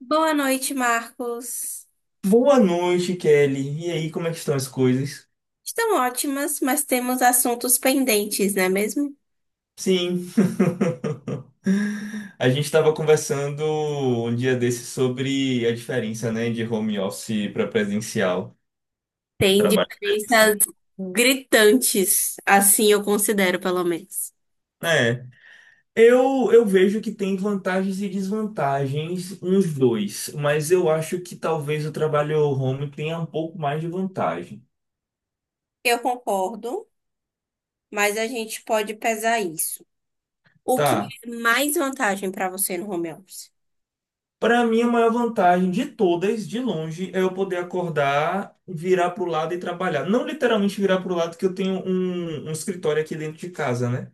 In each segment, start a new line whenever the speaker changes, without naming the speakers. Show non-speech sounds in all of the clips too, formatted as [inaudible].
Boa noite, Marcos.
Boa noite, Kelly. E aí, como é que estão as coisas?
Estão ótimas, mas temos assuntos pendentes, não é mesmo?
Sim. [laughs] A gente estava conversando um dia desse sobre a diferença, né, de home office para presencial,
Tem
trabalho presencial.
diferenças gritantes, assim eu considero, pelo menos.
É, eu vejo que tem vantagens e desvantagens nos dois, mas eu acho que talvez o trabalho home tenha um pouco mais de vantagem.
Eu concordo, mas a gente pode pesar isso. O que
Tá.
é mais vantagem para você no home office?
Para mim, a maior vantagem de todas, de longe, é eu poder acordar, virar pro lado e trabalhar. Não literalmente virar pro lado, que eu tenho um escritório aqui dentro de casa, né?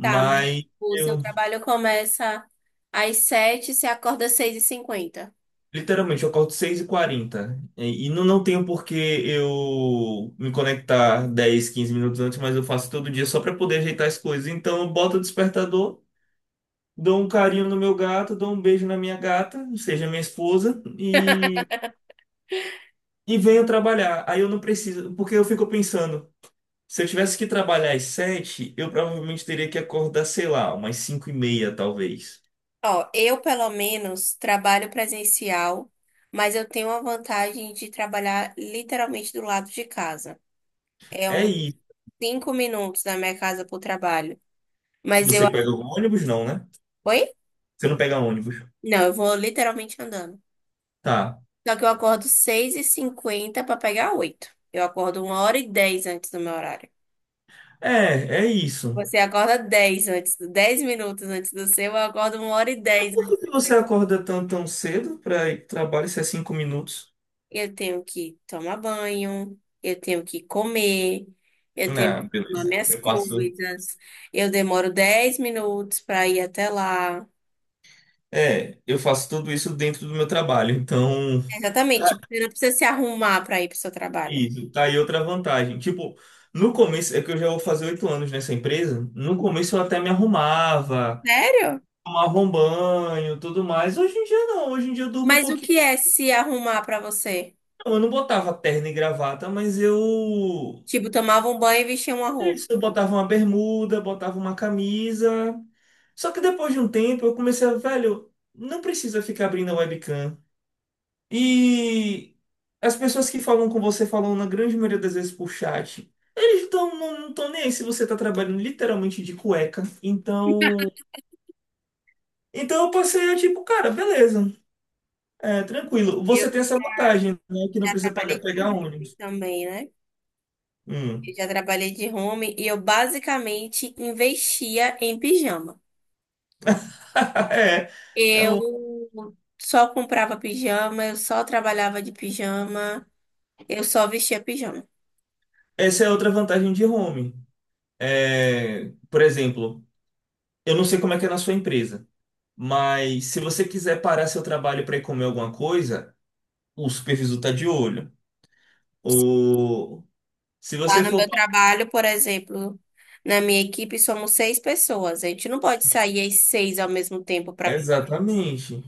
Tá, mas tipo, o seu
eu,
trabalho começa às 7 você acorda às 6h50.
literalmente, eu acordo 6h40. E não tenho por que eu me conectar 10, 15 minutos antes, mas eu faço todo dia só para poder ajeitar as coisas. Então, eu boto o despertador, dou um carinho no meu gato, dou um beijo na minha gata, ou seja minha esposa, e venho trabalhar. Aí eu não preciso, porque eu fico pensando. Se eu tivesse que trabalhar às sete, eu provavelmente teria que acordar, sei lá, umas 5h30, talvez.
Ó, eu pelo menos trabalho presencial, mas eu tenho a vantagem de trabalhar literalmente do lado de casa. É
É
uns
isso.
5 minutos da minha casa pro trabalho. Mas
Você
eu.
pega o ônibus? Não, né?
Oi?
Você não pega ônibus.
Não, eu vou literalmente andando.
Tá.
Só que eu acordo seis e cinquenta para pegar 8. Eu acordo 1 hora e 10 antes do meu horário.
É, é isso.
Você acorda 10 antes, 10 minutos antes do seu, eu acordo uma hora e
Mas
10
por que
antes.
que você acorda tão, tão cedo para ir pro trabalho se é 5 minutos?
Eu tenho que tomar banho, eu tenho que comer, eu tenho que
Não,
tomar
beleza.
minhas
Eu faço.
coisas, eu demoro 10 minutos para ir até lá.
É, eu faço tudo isso dentro do meu trabalho. Então,
Exatamente,
tá
você não precisa se arrumar para ir para o seu trabalho.
isso, tá aí outra vantagem. Tipo, no começo, é que eu já vou fazer 8 anos nessa empresa. No começo eu até me arrumava,
Sério?
tomava um banho, tudo mais. Hoje em dia não, hoje em dia eu durmo um
Mas o
pouquinho.
que é se arrumar para você?
Não, eu não botava terno e gravata, mas eu
Tipo, tomava um banho e vestia uma
é
roupa.
isso, eu botava uma bermuda, botava uma camisa. Só que depois de um tempo eu comecei a, velho, não precisa ficar abrindo a webcam. E as pessoas que falam com você falam na grande maioria das vezes por chat. Eles tão, não estão nem aí se você tá trabalhando literalmente de cueca. Então, eu passei a tipo, cara, beleza. É, tranquilo. Você tem
Eu
essa vantagem, né? Que não
já
precisa pagar,
trabalhei de
pegar
home
ônibus.
também, né? Eu
Hum.
já trabalhei de home e eu basicamente investia em pijama.
[laughs] É,
Eu só comprava pijama, eu só trabalhava de pijama, eu só vestia pijama.
essa é outra vantagem de home. É, por exemplo, eu não sei como é que é na sua empresa, mas se você quiser parar seu trabalho para ir comer alguma coisa, o supervisor tá de olho. Ou se
Lá
você
no
for
meu
pra-
trabalho, por exemplo, na minha equipe somos seis pessoas. A gente não pode sair as seis ao mesmo tempo para
Exatamente.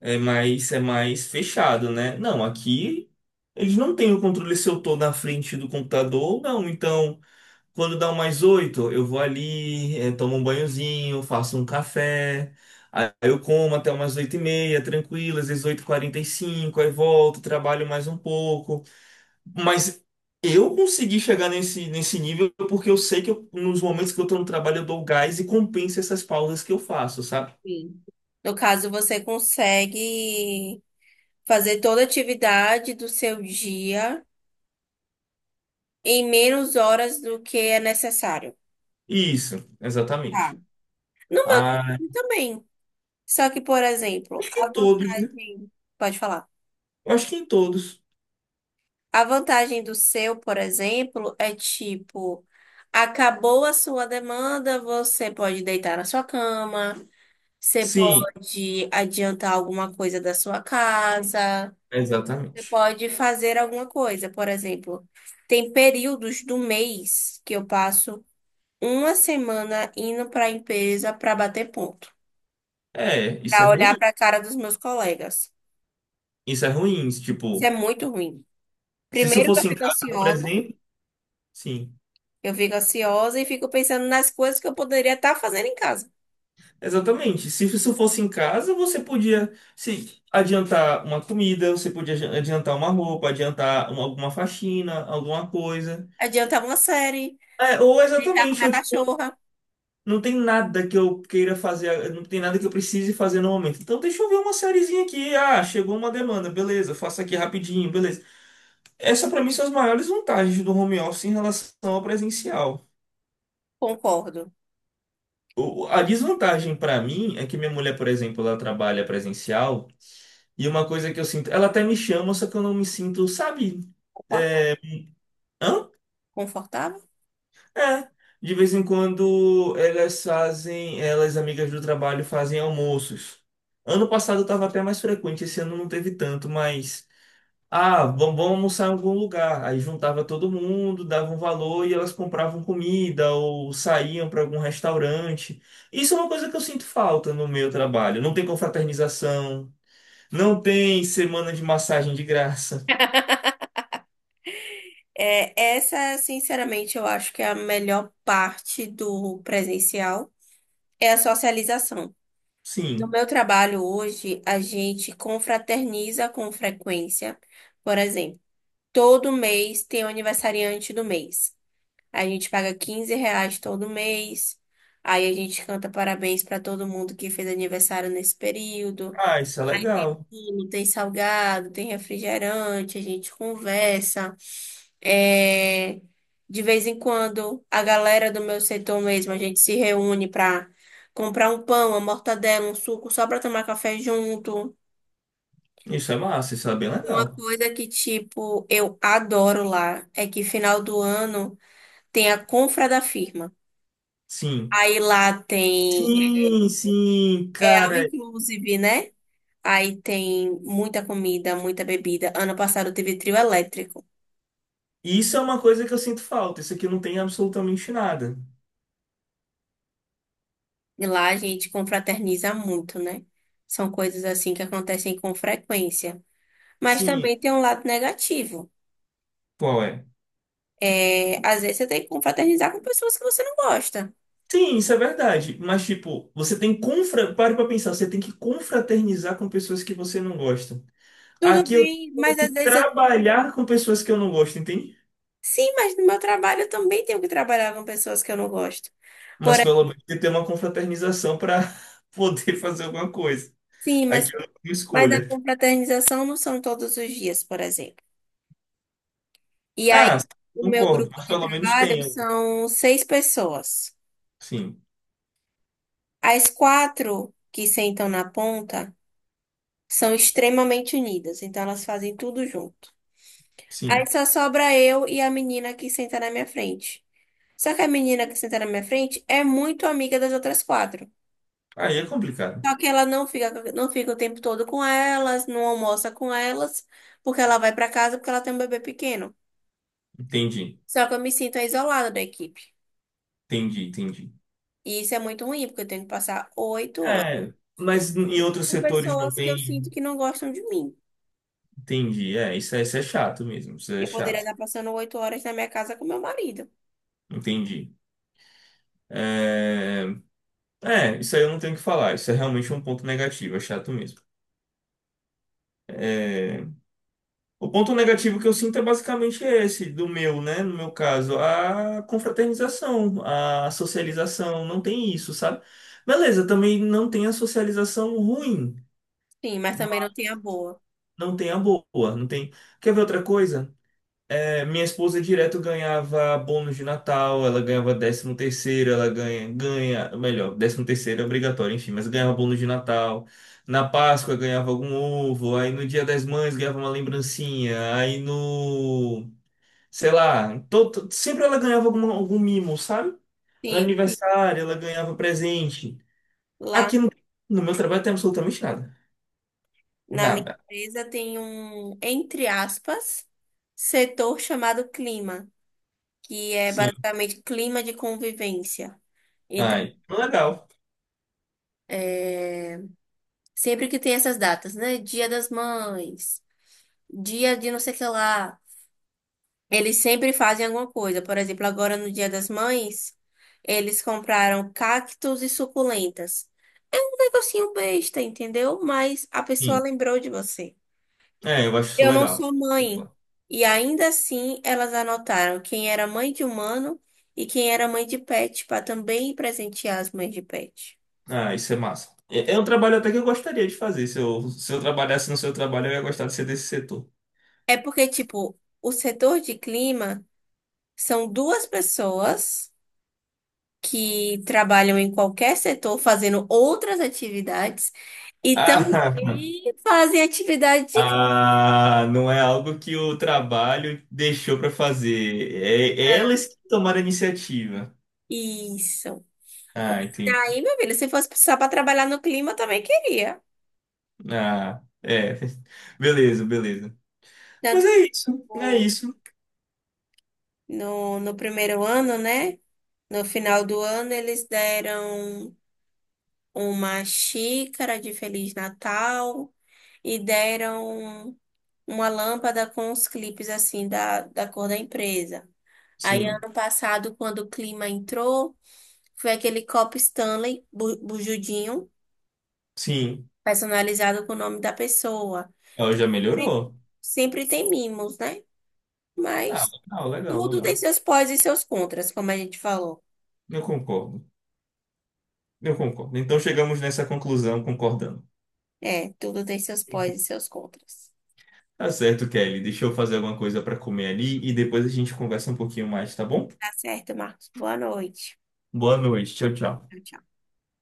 É mais fechado, né? Não, aqui eles não têm o controle se eu tô na frente do computador ou não. Então. Quando dá umas oito, eu vou ali, tomo um banhozinho, faço um café, aí eu como até umas 8h30, tranquilo, às vezes 8h45, aí volto, trabalho mais um pouco. Mas eu consegui chegar nesse nível porque eu sei que nos momentos que eu tô no trabalho eu dou gás e compensa essas pausas que eu faço, sabe?
comer. No caso, você consegue fazer toda a atividade do seu dia em menos horas do que é necessário.
Isso,
Tá.
exatamente.
No meu
Ah,
trabalho também. Só que, por exemplo,
acho que
a
em todos, né?
vantagem. Pode falar.
Eu acho que em todos.
A vantagem do seu, por exemplo, é tipo, acabou a sua demanda, você pode deitar na sua cama, você
Sim,
pode adiantar alguma coisa da sua casa, você
exatamente.
pode fazer alguma coisa. Por exemplo, tem períodos do mês que eu passo uma semana indo para a empresa para bater ponto,
É, isso é
para olhar
ruim.
para a cara dos meus colegas.
Isso é ruim,
Isso é
tipo.
muito ruim.
Se isso
Primeiro que eu
fosse em
fico
casa, por
ansiosa.
exemplo, sim.
Eu fico ansiosa e fico pensando nas coisas que eu poderia estar fazendo em casa.
Exatamente. Se isso fosse em casa, você podia se adiantar uma comida, você podia adiantar uma roupa, adiantar alguma faxina, alguma coisa.
Adiantar uma série,
É, ou
deitar com
exatamente,
minha
eu, tipo,
cachorra.
não tem nada que eu queira fazer, não tem nada que eu precise fazer no momento. Então deixa eu ver uma sériezinha aqui. Ah, chegou uma demanda, beleza, faço aqui rapidinho, beleza. Essa pra mim são as maiores vantagens do home office em relação ao presencial.
Concordo.
A desvantagem pra mim é que minha mulher, por exemplo, ela trabalha presencial e uma coisa que eu sinto, ela até me chama, só que eu não me sinto, sabe?
Confort-
Hã?
Confortável?
É. De vez em quando elas amigas do trabalho fazem almoços. Ano passado estava até mais frequente, esse ano não teve tanto, mas. Ah, vamos, vamos almoçar em algum lugar. Aí juntava todo mundo, dava um valor e elas compravam comida ou saíam para algum restaurante. Isso é uma coisa que eu sinto falta no meu trabalho. Não tem confraternização, não tem semana de massagem de graça.
É, essa, sinceramente, eu acho que é a melhor parte do presencial, é a socialização. No
Sim.
meu trabalho hoje, a gente confraterniza com frequência. Por exemplo, todo mês tem o aniversariante do mês. A gente paga R$ 15 todo mês. Aí a gente canta parabéns para todo mundo que fez aniversário nesse período.
Ah, isso é
Aí tem
legal.
bolo, tem salgado, tem refrigerante, a gente conversa. É, De vez em quando, a galera do meu setor mesmo, a gente se reúne para comprar um pão, uma mortadela, um suco, só para tomar café junto.
Isso é massa, isso é bem
Uma
legal.
coisa que, tipo, eu adoro lá é que final do ano tem a confra da firma.
Sim.
Aí lá tem,
Sim, sim,
é all
cara.
inclusive, né? Aí tem muita comida, muita bebida. Ano passado teve trio elétrico.
Isso é uma coisa que eu sinto falta. Isso aqui não tem absolutamente nada.
E lá a gente confraterniza muito, né? São coisas assim que acontecem com frequência. Mas
Sim.
também tem um lado negativo.
Qual é?
É, às vezes você tem que confraternizar com pessoas que você não gosta.
Sim, isso é verdade. Mas, tipo, você tem que Pare pra pensar, você tem que confraternizar com pessoas que você não gosta.
Tudo
Aqui eu
bem,
tenho
mas
que
às vezes eu...
trabalhar com pessoas que eu não gosto, entende?
Sim, mas no meu trabalho eu também tenho que trabalhar com pessoas que eu não gosto.
Mas
Por...
pelo menos tem que ter uma confraternização para [laughs] poder fazer alguma coisa.
Sim, mas,
Aqui eu não tenho
mas a
escolha.
confraternização não são todos os dias, por exemplo. E
Ah,
aí, o meu
concordo,
grupo
mas
de
pelo menos
trabalho
tenho.
são seis pessoas.
Sim,
As quatro que sentam na ponta são extremamente unidas, então elas fazem tudo junto. Aí
sim.
só sobra eu e a menina que senta na minha frente. Só que a menina que senta na minha frente é muito amiga das outras quatro.
Aí é complicado.
Só que ela não fica o tempo todo com elas, não almoça com elas, porque ela vai para casa porque ela tem um bebê pequeno.
Entendi,
Só que eu me sinto isolada da equipe.
entendi, entendi.
E isso é muito ruim, porque eu tenho que passar 8 horas
É, mas em outros
com
setores não
pessoas que eu sinto
tem.
que não gostam de mim.
Entendi. É, isso é chato mesmo. Isso é
Eu poderia
chato.
estar passando 8 horas na minha casa com meu marido.
Entendi. É, isso aí eu não tenho o que falar. Isso é realmente um ponto negativo, é chato mesmo. É, o ponto negativo que eu sinto é basicamente esse, do meu, né? No meu caso, a confraternização, a socialização, não tem isso, sabe? Beleza, também não tem a socialização ruim,
Sim, mas também
mas
não tem a boa.
não tem a boa, não tem. Quer ver outra coisa? É, minha esposa direto ganhava bônus de Natal, ela ganhava 13º, ela ganha, ganha, melhor, 13º é obrigatório, enfim, mas ganhava bônus de Natal. Na Páscoa ganhava algum ovo, aí no Dia das Mães ganhava uma lembrancinha, aí no, sei lá, todo, sempre ela ganhava alguma, algum mimo, sabe? No
Sim,
aniversário ela ganhava presente.
lá
Aqui no meu trabalho tem absolutamente nada.
na minha
Nada.
empresa tem um, entre aspas, setor chamado clima, que é
Sim.
basicamente clima de convivência. Então,
Ai, legal.
sempre que tem essas datas, né? Dia das Mães, dia de não sei o que lá. Eles sempre fazem alguma coisa. Por exemplo, agora no Dia das Mães, eles compraram cactos e suculentas. É um negocinho besta, entendeu? Mas a pessoa
Sim.
lembrou de você.
É, eu acho isso
Eu não
legal.
sou mãe. E ainda assim, elas anotaram quem era mãe de humano e quem era mãe de pet, para também presentear as mães de pet.
Ah, isso é massa. É um trabalho até que eu gostaria de fazer. Se eu trabalhasse no seu trabalho, eu ia gostar de ser desse setor.
É porque, tipo, o setor de clima são duas pessoas que trabalham em qualquer setor fazendo outras atividades. E
Ah,
também fazem atividade
[laughs]
de graça.
ah, não é algo que o trabalho deixou para fazer. É elas que tomaram a iniciativa.
Isso.
Ah, entendi.
Daí, meu filho, se fosse precisar para trabalhar no clima, eu também queria.
Ah, é. [laughs] Beleza, beleza. Mas
Tanto que
é isso, é
o-
isso.
no primeiro ano, né? No final do ano, eles deram uma xícara de Feliz Natal e deram uma lâmpada com os clipes, assim, da cor da empresa. Aí,
Sim,
ano passado, quando o clima entrou, foi aquele copo Stanley bujudinho
sim.
personalizado com o nome da pessoa.
Ela já
Sempre,
melhorou.
sempre tem mimos, né?
Ah,
Mas
legal, legal,
tudo tem
legal.
seus pós e seus contras, como a gente falou.
Eu concordo, eu concordo. Então chegamos nessa conclusão concordando.
É, tudo tem seus pós e seus contras.
Tá certo, Kelly. Deixa eu fazer alguma coisa para comer ali e depois a gente conversa um pouquinho mais, tá bom?
Tá certo, Marcos. Boa noite.
Boa noite. Tchau, tchau.
Tchau, tchau.